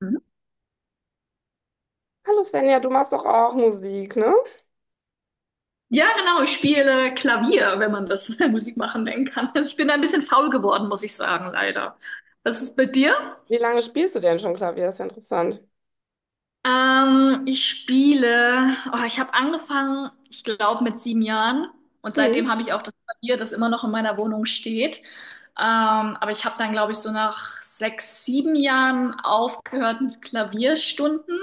Mhm. Hallo Svenja, du machst doch auch Musik, ne? Ja, genau, ich spiele Klavier, wenn man das Musik machen nennen kann. Also ich bin ein bisschen faul geworden, muss ich sagen, leider. Was ist bei dir? Wie lange spielst du denn schon Klavier? Ist ja interessant. Ich spiele, oh, ich habe angefangen, ich glaube, mit 7 Jahren. Und Mhm. seitdem habe ich auch das Klavier, das immer noch in meiner Wohnung steht. Aber ich habe dann, glaube ich, so nach 6, 7 Jahren aufgehört mit Klavierstunden.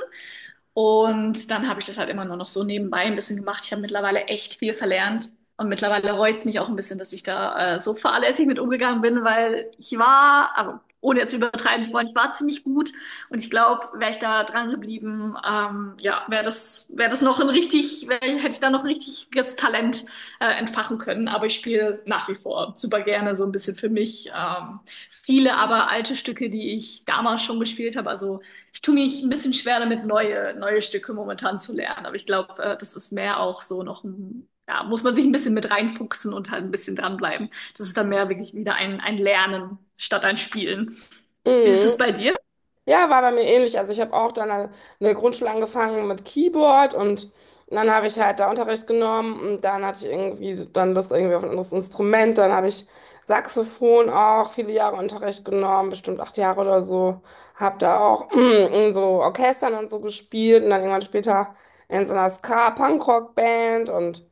Und dann habe ich das halt immer nur noch so nebenbei ein bisschen gemacht. Ich habe mittlerweile echt viel verlernt. Und mittlerweile reut's mich auch ein bisschen, dass ich da so fahrlässig mit umgegangen bin, weil ich war, also ohne jetzt übertreiben zu wollen, ich war ziemlich gut. Und ich glaube, wäre ich da dran geblieben, ja, wäre das noch ein hätte ich da noch ein richtiges Talent entfachen können. Aber ich spiele nach wie vor super gerne so ein bisschen für mich. Viele aber alte Stücke, die ich damals schon gespielt habe, also ich tue mich ein bisschen schwer damit, neue Stücke momentan zu lernen. Aber ich glaube, das ist mehr auch so noch ein, ja, muss man sich ein bisschen mit reinfuchsen und halt ein bisschen dranbleiben. Das ist dann mehr wirklich wieder ein Lernen statt ein Spielen. Wie ist Mhm. es bei dir? Ja, war bei mir ähnlich. Also ich habe auch dann in der Grundschule angefangen mit Keyboard und dann habe ich halt da Unterricht genommen und dann hatte ich irgendwie dann Lust irgendwie auf ein anderes Instrument. Dann habe ich Saxophon auch viele Jahre Unterricht genommen, bestimmt acht Jahre oder so. Habe da auch in so Orchestern und so gespielt und dann irgendwann später in so einer Ska-Punkrock-Band und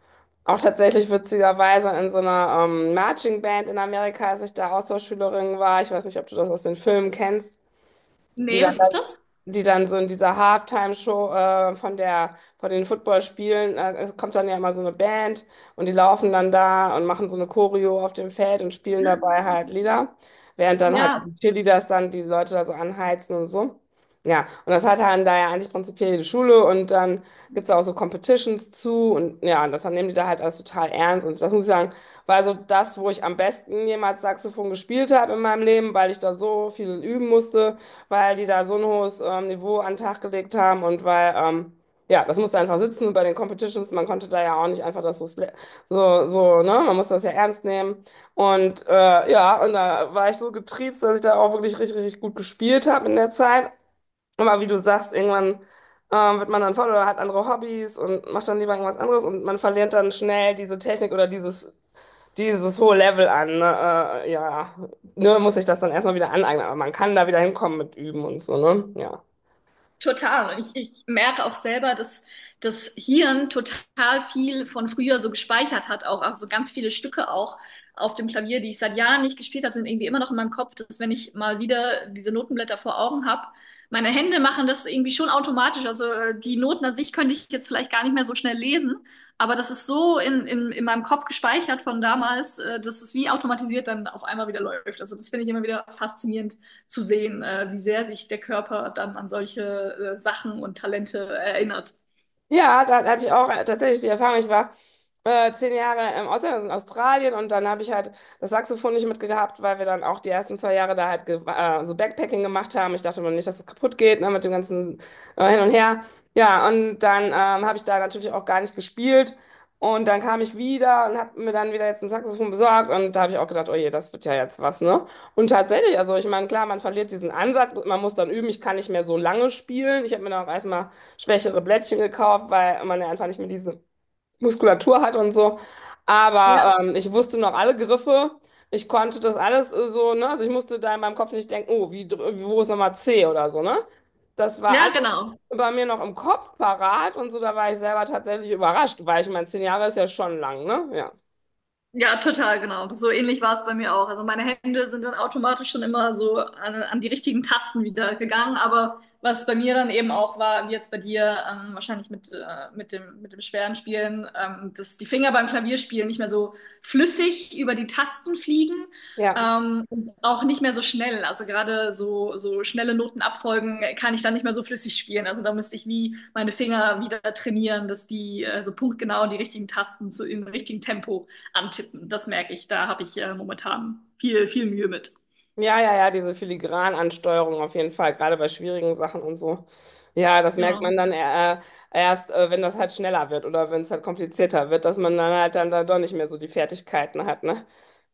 auch tatsächlich witzigerweise in so einer Marching Band in Amerika, als ich da Austauschschülerin war. Ich weiß nicht, ob du das aus den Filmen kennst, die Nee, dann, was ist das? die dann so in dieser Halftime-Show von der, von den Footballspielen, es kommt dann ja immer so eine Band und die laufen dann da und machen so eine Choreo auf dem Feld und spielen dabei halt Lieder, während dann halt auch Ja. die Cheerleaders dann die Leute da so anheizen und so. Ja, und das hat dann da ja eigentlich prinzipiell jede Schule und dann gibt es auch so Competitions zu, und ja, und das dann nehmen die da halt alles total ernst, und das muss ich sagen, war so das, wo ich am besten jemals Saxophon gespielt habe in meinem Leben, weil ich da so viel üben musste, weil die da so ein hohes Niveau an den Tag gelegt haben und weil, ja, das musste einfach sitzen bei den Competitions. Man konnte da ja auch nicht einfach das so, so, so, ne? Man musste das ja ernst nehmen. Und ja, und da war ich so getriezt, dass ich da auch wirklich richtig, richtig gut gespielt habe in der Zeit. Aber wie du sagst, irgendwann wird man dann voll oder hat andere Hobbys und macht dann lieber irgendwas anderes, und man verliert dann schnell diese Technik oder dieses hohe Level an. Ne? Ja, nur muss ich das dann erstmal wieder aneignen. Aber man kann da wieder hinkommen mit Üben und so, ne? Ja. Total. Und ich merke auch selber, dass das Hirn total viel von früher so gespeichert hat, auch also ganz viele Stücke auch auf dem Klavier, die ich seit Jahren nicht gespielt habe, sind irgendwie immer noch in meinem Kopf, dass wenn ich mal wieder diese Notenblätter vor Augen habe, meine Hände machen das irgendwie schon automatisch. Also die Noten an sich könnte ich jetzt vielleicht gar nicht mehr so schnell lesen, aber das ist so in meinem Kopf gespeichert von damals, dass es wie automatisiert dann auf einmal wieder läuft. Also das finde ich immer wieder faszinierend zu sehen, wie sehr sich der Körper dann an solche Sachen und Talente erinnert. Ja, da hatte ich auch tatsächlich die Erfahrung. Ich war 10 Jahre im Ausland, also in Australien, und dann habe ich halt das Saxophon nicht mitgehabt, weil wir dann auch die ersten zwei Jahre da halt so Backpacking gemacht haben. Ich dachte mir nicht, dass es kaputt geht, ne, mit dem ganzen Hin und Her. Ja, und dann habe ich da natürlich auch gar nicht gespielt. Und dann kam ich wieder und habe mir dann wieder jetzt ein Saxophon besorgt. Und da habe ich auch gedacht, oh je, das wird ja jetzt was, ne? Und tatsächlich, also ich meine, klar, man verliert diesen Ansatz, man muss dann üben, ich kann nicht mehr so lange spielen. Ich habe mir dann auch erstmal schwächere Blättchen gekauft, weil man ja einfach nicht mehr diese Muskulatur hat und so. Ja, Aber ich wusste noch alle Griffe. Ich konnte das alles so, ne? Also ich musste da in meinem Kopf nicht denken, oh, wie, wo ist nochmal C oder so, ne? Das war ja, alles genau. bei mir noch im Kopf parat und so, da war ich selber tatsächlich überrascht, weil ich meine, 10 Jahre ist ja schon lang, ne? Ja. Ja, total, genau. So ähnlich war es bei mir auch. Also meine Hände sind dann automatisch schon immer so an die richtigen Tasten wieder gegangen. Aber was bei mir dann eben auch war, wie jetzt bei dir, wahrscheinlich mit dem schweren Spielen, dass die Finger beim Klavierspielen nicht mehr so flüssig über die Tasten fliegen, Ja. Und auch nicht mehr so schnell. Also gerade so schnelle Notenabfolgen kann ich dann nicht mehr so flüssig spielen. Also da müsste ich wie meine Finger wieder trainieren, dass die so punktgenau die richtigen Tasten zu, im richtigen Tempo antippen. Das merke ich. Da habe ich momentan viel Mühe mit. Ja, ja, ja, diese Filigranansteuerung auf jeden Fall, gerade bei schwierigen Sachen und so. Ja, das merkt Genau. man dann erst, wenn das halt schneller wird oder wenn es halt komplizierter wird, dass man dann halt dann da doch nicht mehr so die Fertigkeiten hat, ne?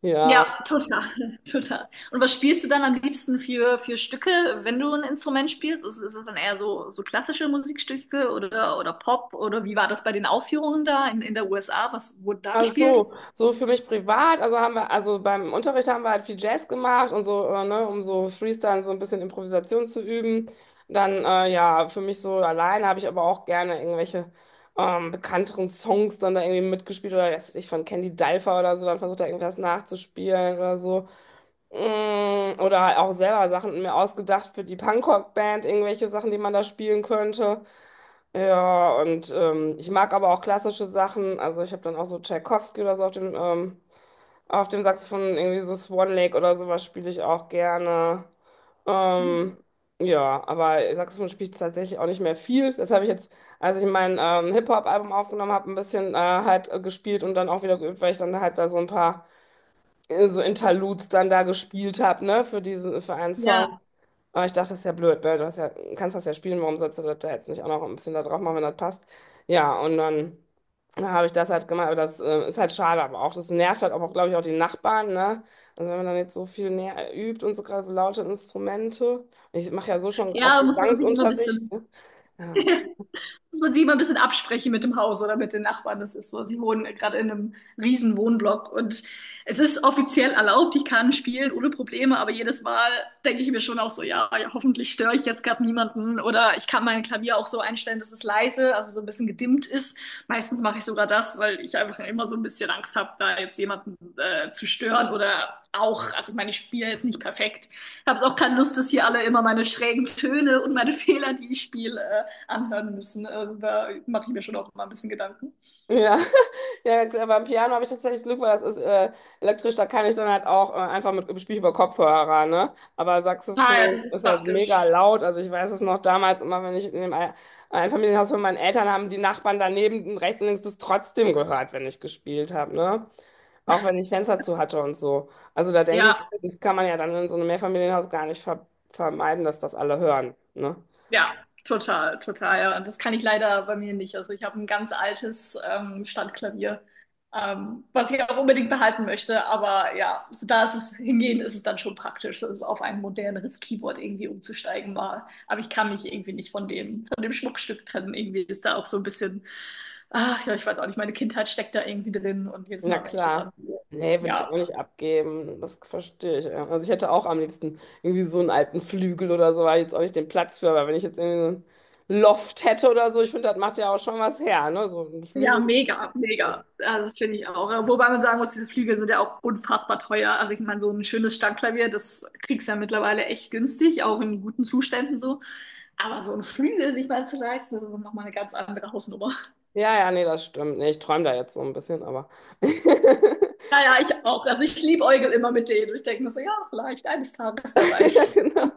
Ja, Ja, total, total. Und was spielst du dann am liebsten für Stücke, wenn du ein Instrument spielst? Ist es dann eher so klassische Musikstücke oder Pop? Oder wie war das bei den Aufführungen da in der USA? Was wurde da gespielt? also so, so für mich privat, also haben wir, also beim Unterricht haben wir halt viel Jazz gemacht und so, ne, um so Freestyle, so ein bisschen Improvisation zu üben. Dann, ja, für mich so alleine habe ich aber auch gerne irgendwelche bekannteren Songs dann da irgendwie mitgespielt oder weiß ich von Candy Dulfer oder so, dann versucht da irgendwas nachzuspielen oder so. Mm, oder halt auch selber Sachen mir ausgedacht für die Punkrock-Band, irgendwelche Sachen, die man da spielen könnte. Ja, und ich mag aber auch klassische Sachen. Also ich habe dann auch so Tchaikovsky oder so auf dem Saxophon, irgendwie so Swan Lake oder sowas spiele ich auch gerne. Ähm, ja, aber Saxophon spiele ich tatsächlich auch nicht mehr viel. Das habe ich jetzt, als ich mein Hip-Hop-Album aufgenommen habe, ein bisschen gespielt und dann auch wieder geübt, weil ich dann halt da so ein paar so Interludes dann da gespielt habe, ne, für diesen, für einen Song. Ja, Aber ich dachte, das ist ja blöd, ne? Du hast ja, kannst das ja spielen, warum sollst du das da jetzt nicht auch noch ein bisschen da drauf machen, wenn das passt? Ja, und dann, dann habe ich das halt gemacht, aber das ist halt schade, aber auch das nervt halt auch, glaube ich, auch die Nachbarn, ne? Also wenn man dann jetzt so viel näher übt und so gerade so laute Instrumente. Ich mache ja so schon auch ja, muss man sich immer ein Gesangsunterricht. bisschen Ne? Ja. muss man sich immer ein bisschen absprechen mit dem Haus oder mit den Nachbarn. Das ist so, sie wohnen gerade in einem riesen Wohnblock und es ist offiziell erlaubt, ich kann spielen ohne Probleme, aber jedes Mal denke ich mir schon auch so, ja hoffentlich störe ich jetzt gerade niemanden oder ich kann mein Klavier auch so einstellen, dass es leise, also so ein bisschen gedimmt ist. Meistens mache ich sogar das, weil ich einfach immer so ein bisschen Angst habe, da jetzt jemanden zu stören oder auch, also ich meine, ich spiele jetzt nicht perfekt. Ich habe auch keine Lust, dass hier alle immer meine schrägen Töne und meine Fehler, die ich spiele, anhören müssen. Also da mache ich mir schon auch mal ein bisschen Gedanken. Ja, ja, klar, beim Piano habe ich tatsächlich Glück, weil das ist elektrisch, da kann ich dann halt auch einfach mit spiele ich über Kopfhörer, ne? Aber Ah ja, Saxophon das ist ist halt mega praktisch. laut. Also ich weiß es noch damals immer, wenn ich in dem Einfamilienhaus von meinen Eltern haben die Nachbarn daneben rechts und links das trotzdem gehört, wenn ich gespielt habe, ne? Auch wenn ich Fenster zu hatte und so. Also da denke ich, Ja, das kann man ja dann in so einem Mehrfamilienhaus gar nicht vermeiden, dass das alle hören, ne? ja, total, total. Ja. Und das kann ich leider bei mir nicht. Also ich habe ein ganz altes Standklavier, was ich auch unbedingt behalten möchte. Aber ja, so da ist es hingehend, ist es dann schon praktisch, das auf ein moderneres Keyboard irgendwie umzusteigen mal. Aber ich kann mich irgendwie nicht von von dem Schmuckstück trennen. Irgendwie ist da auch so ein bisschen, ach ja, ich weiß auch nicht, meine Kindheit steckt da irgendwie drin und jedes Na Mal, wenn ich das klar. anhöre, Nee, würde ich auch ja. nicht abgeben. Das verstehe ich. Ja. Also ich hätte auch am liebsten irgendwie so einen alten Flügel oder so, weil jetzt auch nicht den Platz für, aber wenn ich jetzt irgendwie so einen Loft hätte oder so, ich finde, das macht ja auch schon was her, ne? So ein Ja, Flügel. mega, Ja, mega. Also das finde ich auch. Wobei man sagen muss, diese Flügel sind ja auch unfassbar teuer. Also ich meine, so ein schönes Standklavier, das kriegst du ja mittlerweile echt günstig, auch in guten Zuständen so. Aber so ein Flügel sich mal zu leisten, das ist nochmal eine ganz andere Hausnummer. ja, ja, nee, das stimmt. Nee, ich träume da jetzt so ein bisschen, aber. Naja, ich auch. Also ich liebäugel immer mit denen. Ich denke mir so, ja, vielleicht eines Tages, wer Ja, weiß. genau.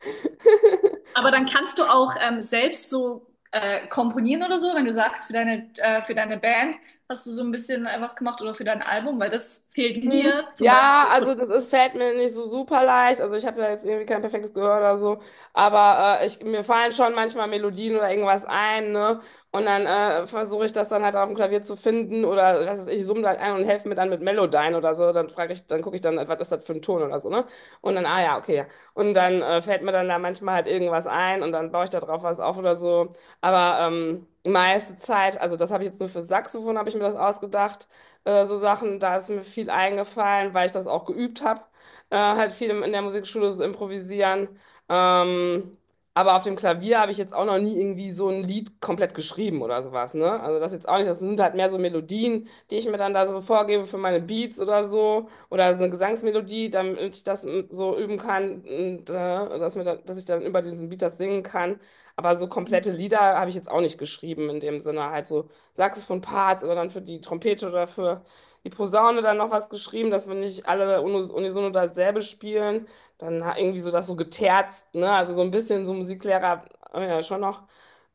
Aber dann kannst du auch selbst so komponieren oder so, wenn du sagst, für für deine Band hast du so ein bisschen was gemacht oder für dein Album, weil das fehlt Mhm. mir zum Ja, Beispiel. also das ist, fällt mir nicht so super leicht. Also ich habe da jetzt irgendwie kein perfektes Gehör oder so. Aber ich, mir fallen schon manchmal Melodien oder irgendwas ein, ne? Und dann versuche ich das dann halt auf dem Klavier zu finden oder was weiß ich summe halt ein und helfe mir dann mit Melodyne oder so. Dann frage ich, dann gucke ich dann, was ist das für ein Ton oder so, ne? Und dann, ah ja, okay, ja. Und dann fällt mir dann da manchmal halt irgendwas ein und dann baue ich da drauf was auf oder so. Aber meiste Zeit, also das habe ich jetzt nur für Saxophon, habe ich mir das ausgedacht, so Sachen, da ist mir viel eingefallen, weil ich das auch geübt habe, halt viel in der Musikschule so improvisieren. Ähm, aber auf dem Klavier habe ich jetzt auch noch nie irgendwie so ein Lied komplett geschrieben oder sowas, ne? Also das jetzt auch nicht, das sind halt mehr so Melodien, die ich mir dann da so vorgebe für meine Beats oder so eine Gesangsmelodie, damit ich das mm, so üben kann und dass mir dann, dass ich dann über diesen Beat das singen kann. Aber so komplette Lieder habe ich jetzt auch nicht geschrieben in dem Sinne, halt so Saxophon-Parts oder dann für die Trompete oder für die Posaune dann noch was geschrieben, dass wenn nicht alle unisono dasselbe spielen, dann irgendwie so das so geterzt, ne? Also so ein bisschen so Musiklehrer, ja, schon noch,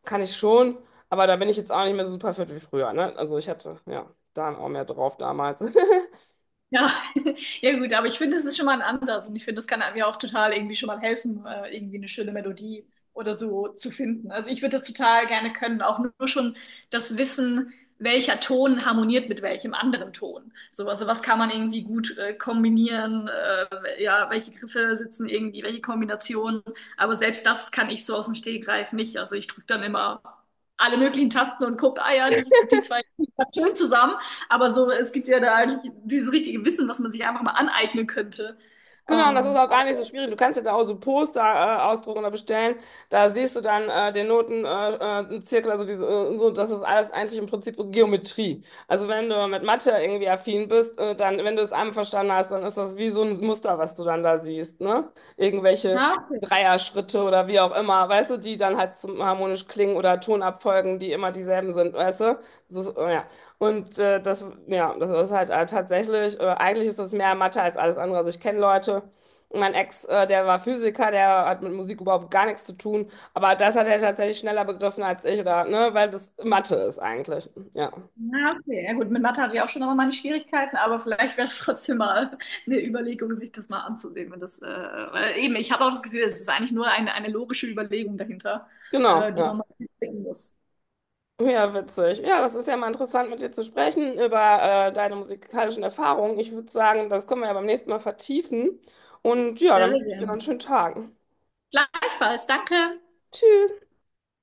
kann ich schon, aber da bin ich jetzt auch nicht mehr so super fit wie früher, ne? Also ich hatte, ja, da auch mehr drauf damals. Ja, ja gut, aber ich finde, es ist schon mal ein Ansatz und ich finde, das kann einem ja auch total irgendwie schon mal helfen, irgendwie eine schöne Melodie oder so zu finden. Also ich würde das total gerne können, auch nur schon das Wissen, welcher Ton harmoniert mit welchem anderen Ton. So, also was kann man irgendwie gut kombinieren, ja, welche Griffe sitzen irgendwie, welche Kombinationen. Aber selbst das kann ich so aus dem Stegreif nicht. Also ich drücke dann immer alle möglichen Tasten und gucke, ah ja, die zwei liegen grad schön zusammen. Aber so, es gibt ja da eigentlich dieses richtige Wissen, was man sich einfach mal aneignen könnte. Genau, und das ist Ähm, auch gar nicht so aber, schwierig. Du kannst ja da auch so Poster ausdrucken oder bestellen. Da siehst du dann den Noten- Zirkel, also diese, so, das ist alles eigentlich im Prinzip so Geometrie. Also wenn du mit Mathe irgendwie affin bist, dann, wenn du es einmal verstanden hast, dann ist das wie so ein Muster, was du dann da siehst, ne? Irgendwelche ja, okay. Dreierschritte oder wie auch immer, weißt du, die dann halt zum harmonisch klingen oder Tonabfolgen, die immer dieselben sind, weißt du? So, ja. Und das, ja, das ist halt tatsächlich, eigentlich ist das mehr Mathe als alles andere. Also ich kenne Leute, mein Ex, der war Physiker, der hat mit Musik überhaupt gar nichts zu tun, aber das hat er tatsächlich schneller begriffen als ich, oder, ne, weil das Mathe ist eigentlich. Ja, Ja, okay. Ja, gut, mit Mathe hatte ich auch schon noch mal meine Schwierigkeiten, aber vielleicht wäre es trotzdem mal eine Überlegung, sich das mal anzusehen. Wenn das, weil eben, ich habe auch das Gefühl, es ist eigentlich nur eine logische Überlegung dahinter, genau, die man ja. mal sehen muss. Ja, witzig. Ja, das ist ja mal interessant, mit dir zu sprechen über deine musikalischen Erfahrungen. Ich würde sagen, das können wir ja beim nächsten Mal vertiefen. Und ja, Sehr, dann sehr wünsche ich dir noch gerne. einen schönen Tag. Gleichfalls, danke. Tschüss.